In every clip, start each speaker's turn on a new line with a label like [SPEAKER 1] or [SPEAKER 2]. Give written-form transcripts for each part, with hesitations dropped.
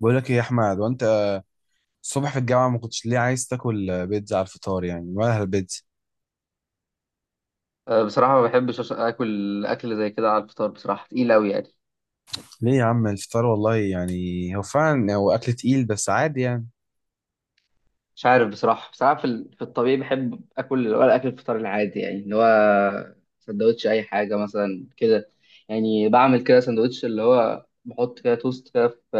[SPEAKER 1] بقول لك ايه يا احمد؟ وانت الصبح في الجامعه ما كنتش ليه عايز تاكل بيتزا على الفطار يعني؟ ولا البيتزا
[SPEAKER 2] أه، بصراحة ما بحبش آكل أكل زي كده على الفطار. بصراحة تقيل أوي يعني.
[SPEAKER 1] ليه يا عم؟ الفطار والله، يعني هو فعلا هو اكل تقيل بس عادي يعني.
[SPEAKER 2] مش عارف بصراحة في الطبيعي بحب آكل اللي هو الأكل الفطار العادي، يعني اللي هو سندوتش، أي حاجة مثلا كده. يعني بعمل كده سندوتش اللي هو بحط كده توست كده في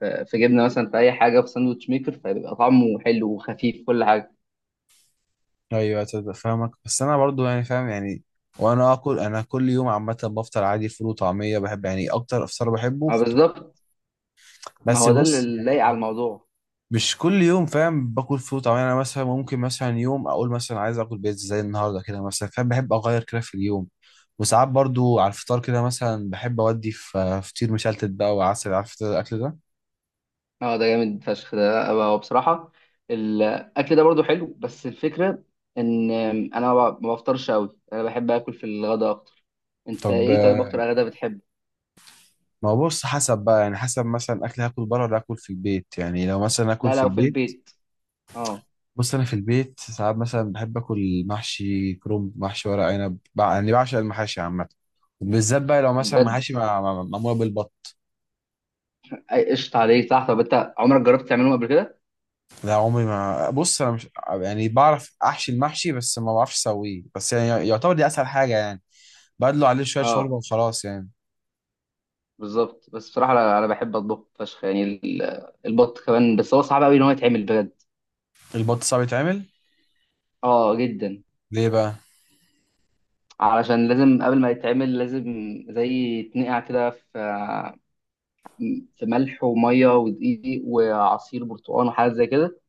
[SPEAKER 2] في جبنة، مثلا في أي حاجة في ساندوتش ميكر، فبيبقى طعمه حلو وخفيف كل حاجة.
[SPEAKER 1] ايوه، تصدق فاهمك، بس انا برضو يعني فاهم يعني. وانا اكل، انا كل يوم عامه بفطر عادي فول وطعميه، بحب يعني اكتر افطار بحبه.
[SPEAKER 2] ما بالظبط. ما
[SPEAKER 1] بس
[SPEAKER 2] هو ده
[SPEAKER 1] بص
[SPEAKER 2] اللي لايق على
[SPEAKER 1] يعني،
[SPEAKER 2] الموضوع.
[SPEAKER 1] مش كل يوم فاهم باكل فول. طبعا انا مثلا ممكن مثلا يوم اقول مثلا عايز اكل بيتزا زي النهارده كده مثلا، فاهم، بحب اغير كده في اليوم. وساعات برضو على الفطار كده مثلا بحب اودي في فطير مشلتت بقى وعسل، عارف إنت الاكل ده.
[SPEAKER 2] اه، ده جامد فشخ ده هو بصراحة. الأكل ده برضو حلو، بس الفكرة إن أنا ما بفطرش أوي. أنا بحب آكل في الغداء أكتر. أنت
[SPEAKER 1] طب
[SPEAKER 2] إيه طيب أكتر غدا بتحبه؟
[SPEAKER 1] ما هو بص، حسب بقى يعني، حسب مثلا اكل هاكل بره ولا اكل في البيت يعني. لو مثلا اكل
[SPEAKER 2] لا
[SPEAKER 1] في
[SPEAKER 2] لو في
[SPEAKER 1] البيت،
[SPEAKER 2] البيت. اه.
[SPEAKER 1] بص انا في البيت ساعات مثلا بحب اكل محشي كرنب، محشي ورق عنب، يعني بعشق المحاشي عامه. بالذات بقى لو مثلا
[SPEAKER 2] بجد؟
[SPEAKER 1] محاشي معموله بالبط.
[SPEAKER 2] أي قشطة عليك صح. طب أنت عمرك جربت تعملهم قبل كده؟
[SPEAKER 1] لا، عمري ما، بص انا مش، يعني بعرف احشي المحشي بس ما بعرفش اسويه. بس يعني يعتبر دي اسهل حاجه يعني، بدلو عليه شويه شوربه
[SPEAKER 2] اه.
[SPEAKER 1] وخلاص يعني.
[SPEAKER 2] بالظبط. بس بصراحة أنا بحب أطبخ فشخ يعني، البط كمان، بس هو صعب أوي إن هو يتعمل بجد.
[SPEAKER 1] البط صعب يتعمل؟
[SPEAKER 2] اه، جدا.
[SPEAKER 1] ليه بقى؟
[SPEAKER 2] علشان لازم قبل ما يتعمل، لازم زي يتنقع كده في ملح وميه ودقيق وعصير برتقال وحاجات زي كده،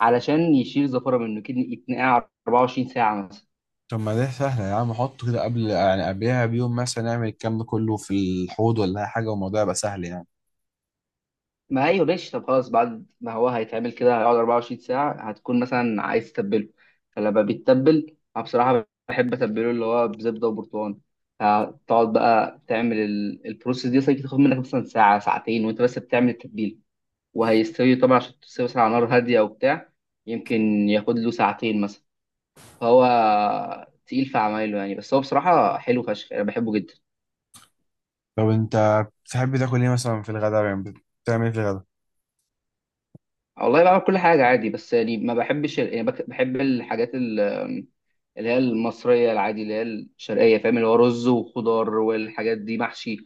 [SPEAKER 2] علشان يشيل الزفاره منه كده. يتنقع 24 ساعه مثلا.
[SPEAKER 1] طب ما ده سهله يا عم، حطه كده قبل يعني قبلها بيوم مثلا، نعمل الكلام ده كله في الحوض ولا اي حاجه، والموضوع يبقى سهل يعني.
[SPEAKER 2] ما ايوه ماشي. طب خلاص، بعد ما هو هيتعمل كده هيقعد 24 ساعه، هتكون مثلا عايز تتبله. فلما بيتبل انا بصراحه بحب اتبله اللي هو بزبده وبرتقال. هتقعد بقى تعمل البروسيس دي، مثلا تاخد منك مثلا ساعه ساعتين وانت بس بتعمل التتبيله، وهيستوي طبعا. عشان تستوي مثلا على نار هاديه وبتاع، يمكن ياخد له ساعتين مثلا. هو تقيل في عمايله يعني، بس هو بصراحة حلو فشخ، أنا بحبه جدا.
[SPEAKER 1] طب انت بتحب تاكل ايه مثلا في الغداء يعني؟ بتعمل ايه في الغداء؟
[SPEAKER 2] والله بعمل كل حاجة عادي، بس يعني ما بحبش يعني بحب الحاجات اللي هي المصرية العادي، اللي هي الشرقية، فاهم اللي هو رز وخضار والحاجات دي، محشي.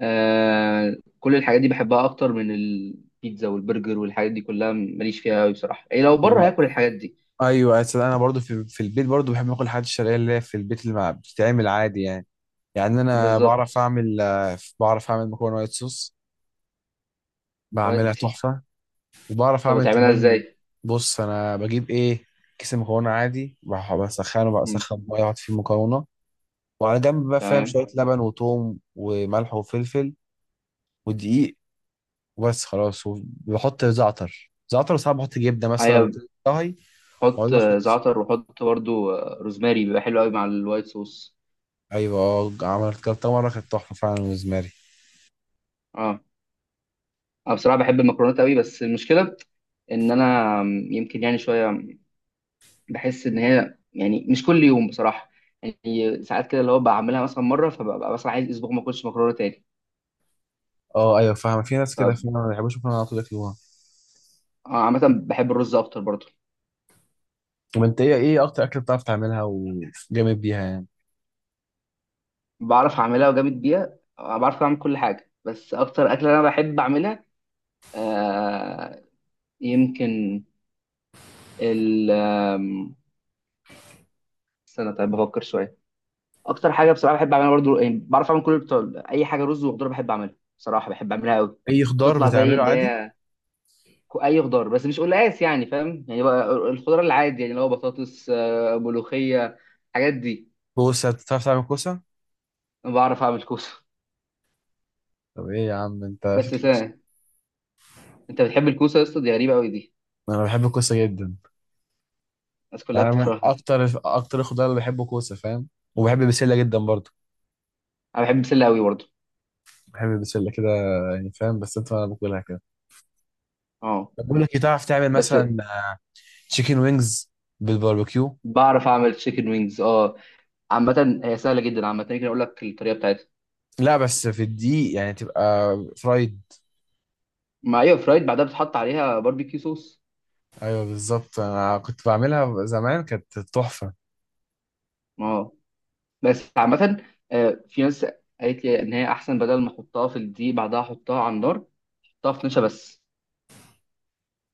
[SPEAKER 2] كل الحاجات دي بحبها أكتر من البيتزا والبرجر، والحاجات دي كلها ماليش فيها أوي بصراحة. يعني لو بره
[SPEAKER 1] والله
[SPEAKER 2] هاكل الحاجات دي.
[SPEAKER 1] ايوه، أصل انا برضو في البيت برضو بحب اكل الحاجات الشرقيه اللي هي في البيت اللي ما بتتعمل عادي يعني. يعني انا
[SPEAKER 2] بالظبط.
[SPEAKER 1] بعرف اعمل، بعرف اعمل مكرونه وايت صوص، بعملها
[SPEAKER 2] ودي.
[SPEAKER 1] تحفة. وبعرف
[SPEAKER 2] طب
[SPEAKER 1] أعمل
[SPEAKER 2] هتعملها
[SPEAKER 1] كمان،
[SPEAKER 2] إزاي؟
[SPEAKER 1] بص أنا بجيب إيه، كيس مكرونة عادي، بسخنه بقى،
[SPEAKER 2] مم،
[SPEAKER 1] أسخن مية أحط فيه المكرونة، وعلى جنب بقى فاهم
[SPEAKER 2] تمام.
[SPEAKER 1] شوية لبن وثوم وملح وفلفل ودقيق وبس خلاص، وبحط زعتر زعتر، وساعات بحط جبنة مثلا،
[SPEAKER 2] أيوة.
[SPEAKER 1] وطهي وأقعد
[SPEAKER 2] حط
[SPEAKER 1] أخلص.
[SPEAKER 2] زعتر، وحط برضو روزماري، بيبقى حلو قوي مع الوايت صوص.
[SPEAKER 1] أيوة، أه، عملت كده مرة كانت تحفة فعلا بالنسبة لي.
[SPEAKER 2] اه. انا بصراحه بحب المكرونات قوي، بس المشكله ان انا يمكن يعني شويه بحس ان هي يعني مش كل يوم بصراحه. يعني ساعات كده اللي هو بعملها مثلا مره، فببقى مثلا عايز اسبوع ما اكلش مكرونه تاني.
[SPEAKER 1] أه أيوة، فاهمة، في ناس
[SPEAKER 2] ف
[SPEAKER 1] كده
[SPEAKER 2] آه،
[SPEAKER 1] فعلا ما بيحبوش يكونوا على طول ياكلوها.
[SPEAKER 2] عامه بحب الرز اكتر برضو.
[SPEAKER 1] طب أنت إيه أكتر أكلة بتعرف تعملها وجامد بيها يعني؟
[SPEAKER 2] بعرف اعملها وجامد بيها، بعرف اعمل كل حاجه، بس اكتر اكله انا بحب اعملها، آه يمكن ال آم، استنى طيب بفكر شويه. اكتر حاجه بصراحه بحب اعملها برضو يعني، بعرف اعمل كل بتاع اي حاجه. رز وخضار بحب اعملها بصراحه، بحب اعملها قوي.
[SPEAKER 1] أي خضار
[SPEAKER 2] بتطلع زي
[SPEAKER 1] بتعمله
[SPEAKER 2] اللي
[SPEAKER 1] عادي؟
[SPEAKER 2] هي اي خضار، بس مش قلقاس يعني فاهم، يعني بقى الخضار العادي يعني اللي هو بطاطس، ملوخيه، الحاجات دي.
[SPEAKER 1] كوسة؟ بتعرف تعمل كوسة؟
[SPEAKER 2] انا بعرف اعمل كوسه
[SPEAKER 1] طب ايه يا عم؟ انت
[SPEAKER 2] بس
[SPEAKER 1] شكلك.
[SPEAKER 2] سنة. انت بتحب الكوسه يا اسطى؟ دي غريبه قوي دي.
[SPEAKER 1] انا بحب الكوسة جدا.
[SPEAKER 2] الناس كلها
[SPEAKER 1] يعني أنا من
[SPEAKER 2] بتكرهها.
[SPEAKER 1] اكتر اكتر الخضار اللي بحبه كوسة فاهم. وبحب البسلة جدا برضه،
[SPEAKER 2] انا بحب البسله قوي برضو.
[SPEAKER 1] بحب البسلة كده يعني فاهم. بس انت، انا باكلها كده.
[SPEAKER 2] اه.
[SPEAKER 1] طب بقول لك إيه، تعرف تعمل
[SPEAKER 2] بس
[SPEAKER 1] مثلا تشيكن وينجز بالباربيكيو؟
[SPEAKER 2] بعرف اعمل تشيكن وينجز، اه. عامه هي سهله جدا، عامه ممكن اقول لك الطريقه بتاعتها.
[SPEAKER 1] لا بس في الدقيق يعني، تبقى فرايد.
[SPEAKER 2] ما ايوه فرايد، بعدها بتحط عليها باربيكيو صوص.
[SPEAKER 1] ايوه بالظبط، انا كنت بعملها زمان، كانت تحفة.
[SPEAKER 2] اه. بس عامة في ناس قالت لي إن هي أحسن بدل ما أحطها في الدقيق بعدها أحطها على النار، أحطها في نشا بس.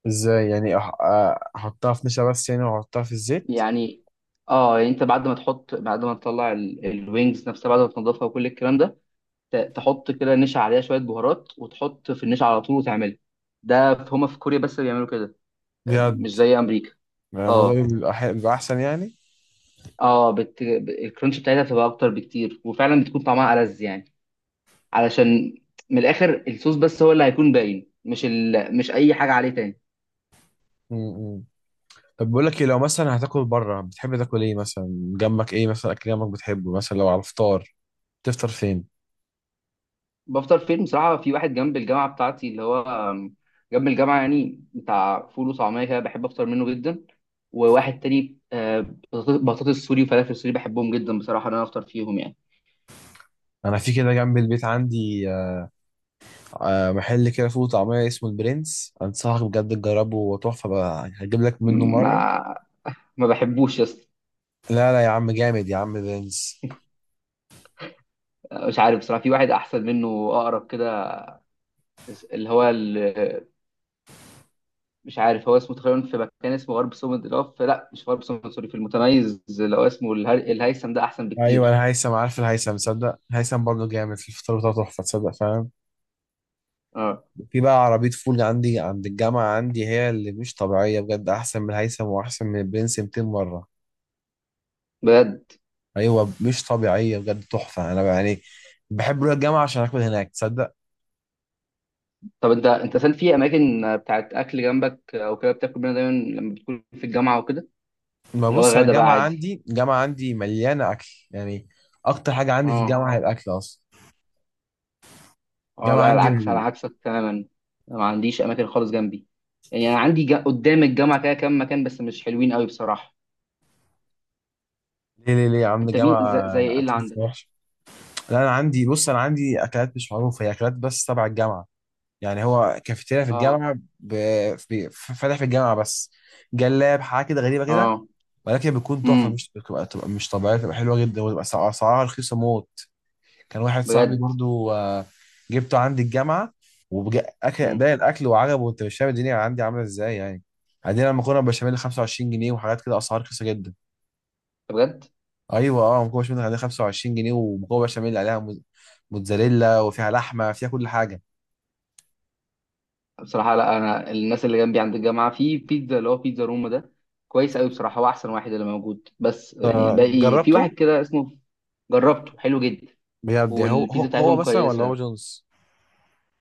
[SPEAKER 1] ازاي يعني؟ احطها في نشا بس يعني واحطها في الزيت؟
[SPEAKER 2] يعني يعني أنت بعد ما تحط، بعد ما تطلع الوينجز نفسها، بعد ما تنضفها وكل الكلام ده، تحط كده نشا عليها، شوية بهارات، وتحط في النشا على طول وتعملها. ده هما في كوريا بس اللي بيعملوا كده. آه،
[SPEAKER 1] بجد
[SPEAKER 2] مش زي أمريكا.
[SPEAKER 1] يعني الموضوع
[SPEAKER 2] آه،
[SPEAKER 1] بيبقى بيبقى احسن يعني؟
[SPEAKER 2] آه، الكرانش بتاعتها بتبقى أكتر بكتير، وفعلا بتكون طعمها ألذ يعني. علشان، من الآخر، الصوص بس هو اللي هيكون باين، مش أي حاجة عليه تاني.
[SPEAKER 1] م- م. طب بقول لك ايه، لو مثلا هتاكل بره بتحب تاكل ايه مثلا؟ جنبك ايه مثلا اكل جنبك بتحبه مثلا؟ لو على الفطار تفطر فين؟
[SPEAKER 2] بفطر فين بصراحة؟ في واحد جنب الجامعة بتاعتي اللي هو آم، جنب الجامعة يعني، بتاع فول وطعمية كده، بحب أفطر منه جدا. وواحد تاني بطاطس سوري وفلافل سوري، بحبهم جدا بصراحة إن أنا أفطر فيهم يعني.
[SPEAKER 1] انا في كده جنب البيت عندي، محل كده فول وطعميه اسمه البرنس، انصحك بجد تجربه، هو تحفه بقى، هجيب لك منه
[SPEAKER 2] م-
[SPEAKER 1] مره.
[SPEAKER 2] ما ما بحبوش يا اسطى.
[SPEAKER 1] لا لا يا عم، جامد يا عم البرنس.
[SPEAKER 2] آه، مش عارف بصراحة، في واحد أحسن منه أقرب كده، اللي هو مش عارف هو اسمه تقريبا. في مكان اسمه غرب سومد، اللي هو لا مش غرب سومد سوري، في المتميز اللي هو اسمه الهيثم، ده أحسن
[SPEAKER 1] ايوه،
[SPEAKER 2] بكتير.
[SPEAKER 1] انا هيثم عارف. الهيثم، صدق، هيثم برضه جامد في الفطار بتاعه، تحفه تصدق فاهم.
[SPEAKER 2] اه،
[SPEAKER 1] في بقى عربيه فول عندي عند الجامعه عندي، هي اللي مش طبيعيه بجد، احسن من الهيثم واحسن من البرنس 200 مره.
[SPEAKER 2] بجد.
[SPEAKER 1] ايوه، مش طبيعيه بجد، تحفه. انا يعني بحب اروح الجامعه عشان اكل هناك، تصدق.
[SPEAKER 2] طب انت اصلا في اماكن بتاعت اكل جنبك او كده بتاكل منها دايما لما بتكون في الجامعه وكده؟
[SPEAKER 1] ما
[SPEAKER 2] اللي هو
[SPEAKER 1] بص، انا
[SPEAKER 2] غدا بقى
[SPEAKER 1] الجامعه
[SPEAKER 2] عادي.
[SPEAKER 1] عندي، مليانه اكل يعني. اكتر حاجه عندي في
[SPEAKER 2] اه،
[SPEAKER 1] الجامعه هي الاكل اصلا.
[SPEAKER 2] اه.
[SPEAKER 1] الجامعه
[SPEAKER 2] لا
[SPEAKER 1] عندي
[SPEAKER 2] العكس، على عكسك تماما. انا ما عنديش اماكن خالص جنبي. يعني انا عندي قدام الجامعه كده كام مكان، بس مش حلوين قوي بصراحه.
[SPEAKER 1] ليه ليه ليه يا عم؟
[SPEAKER 2] انت مين
[SPEAKER 1] الجامعه
[SPEAKER 2] زي ايه اللي
[SPEAKER 1] اكل
[SPEAKER 2] عندك؟
[SPEAKER 1] وحش؟ لا انا عندي، بص انا عندي اكلات مش معروفه، هي اكلات بس تبع الجامعه. يعني هو كافيتيريا في
[SPEAKER 2] اه،
[SPEAKER 1] الجامعه فاتح في الجامعه بس، جلاب حاجه كده غريبه كده،
[SPEAKER 2] اه.
[SPEAKER 1] ولكن بتكون تحفه.
[SPEAKER 2] امم
[SPEAKER 1] مش بتبقى، مش طبيعيه، بتبقى حلوه جدا، وتبقى اسعارها رخيصه موت. كان واحد صاحبي
[SPEAKER 2] بجد.
[SPEAKER 1] برضو، جبته عندي الجامعة، وأكل
[SPEAKER 2] امم
[SPEAKER 1] باقي الأكل وعجبه، وأنت مش فاهم الدنيا عندي عاملة إزاي يعني. عندنا مكرونة بشاميل 25 جنيه وحاجات كده أسعار رخيصة جدا.
[SPEAKER 2] بجد.
[SPEAKER 1] أيوة أه، مكرونة بشاميل عندنا 25 جنيه، ومكرونة بشاميل عليها موتزاريلا وفيها لحمة، فيها كل حاجة.
[SPEAKER 2] بصراحه لا، انا الناس اللي جنبي عند الجامعه في بيتزا اللي هو بيتزا روما ده، كويس قوي بصراحه، هو احسن واحد اللي موجود، بس يعني الباقي في واحد
[SPEAKER 1] جربته.
[SPEAKER 2] كده اسمه. جربته، حلو جدا.
[SPEAKER 1] بجد يعني هو هو
[SPEAKER 2] والبيتزا
[SPEAKER 1] هو
[SPEAKER 2] بتاعتهم
[SPEAKER 1] مثلا، ولا هو
[SPEAKER 2] كويسه.
[SPEAKER 1] جونز؟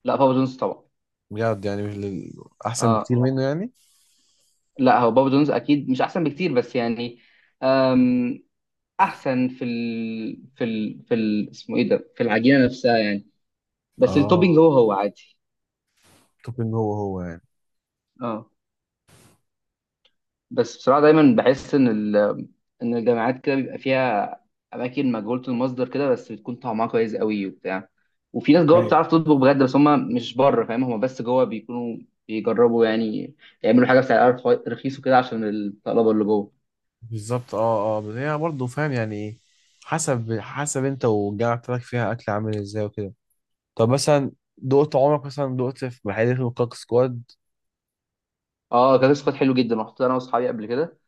[SPEAKER 2] لا، بابا جونز طبعا.
[SPEAKER 1] بجد يعني مش أحسن
[SPEAKER 2] اه.
[SPEAKER 1] بكتير منه يعني.
[SPEAKER 2] لا هو بابا جونز اكيد مش احسن بكتير، بس يعني أم احسن في ال... في ال... في ال... اسمه ايه ده، في العجينه نفسها يعني، بس التوبينج
[SPEAKER 1] أه،
[SPEAKER 2] هو هو عادي.
[SPEAKER 1] توبينج هو هو
[SPEAKER 2] اه. بس بصراحه دايما بحس ان ان الجامعات كده بيبقى فيها اماكن مجهوله المصدر كده، بس بتكون طعمها كويس قوي وبتاع. وفي ناس جوه
[SPEAKER 1] يعني.
[SPEAKER 2] بتعرف تطبخ بجد، بس هم مش بره فاهم، هم بس جوه بيكونوا بيجربوا يعني، يعملوا حاجه بسعر رخيص وكده عشان الطلبه اللي جوه.
[SPEAKER 1] بالظبط، اه اه، بس هي برضه فاهم يعني ايه، حسب انت والجامعة بتاعتك فيها اكل عامل ازاي وكده. طب مثلا دقت عمرك مثلا دقت في محل اسمه كاك سكواد؟
[SPEAKER 2] اه. آه، كان سكوت حلو جدا، رحت انا واصحابي قبل كده،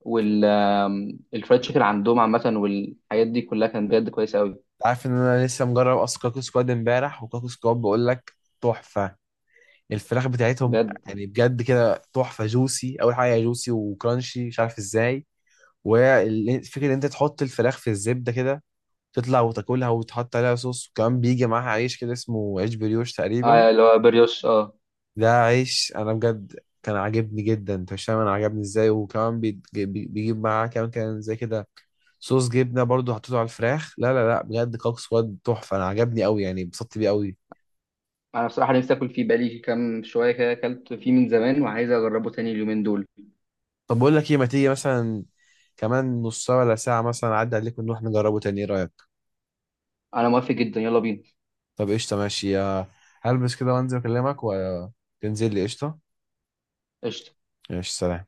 [SPEAKER 2] والفرايد تشيكن عندهم عامه والحاجات دي كلها كانت بجد كويسه قوي.
[SPEAKER 1] عارف ان انا لسه مجرب اصلا كاك سكواد امبارح، وكاك سكواد بقول لك تحفة الفراخ بتاعتهم.
[SPEAKER 2] بجد.
[SPEAKER 1] يعني بجد كده تحفة، جوسي، اول حاجة جوسي وكرانشي مش عارف ازاي. وفكرة ان انت تحط الفراخ في الزبدة كده، تطلع وتاكلها وتحط عليها صوص، وكمان بيجي معاها عيش كده اسمه عيش بريوش تقريبا.
[SPEAKER 2] اه، اللي هو بريوش، اه.
[SPEAKER 1] ده عيش انا بجد كان عاجبني جدا، انت مش فاهم انا عجبني ازاي. وكمان بيجيب معاه كمان كان زي كده صوص جبنه برضو، حطيته على الفراخ. لا لا لا بجد، كوك سواد تحفه، انا عجبني قوي يعني، اتبسطت بيه قوي.
[SPEAKER 2] انا بصراحه نفسي اكل فيه، بقالي كام شويه كده اكلت فيه من زمان وعايز اجربه تاني اليومين دول.
[SPEAKER 1] طب بقول لك ايه، ما تيجي مثلا كمان نص ساعه ولا ساعه مثلا، اعدي عليك ونروح نجربه تاني، ايه رايك؟
[SPEAKER 2] انا موافق جدا، يلا بينا.
[SPEAKER 1] طب قشطه، ماشي، هلبس كده وانزل اكلمك وتنزل لي. قشطه،
[SPEAKER 2] قشطه.
[SPEAKER 1] ماشي، سلام.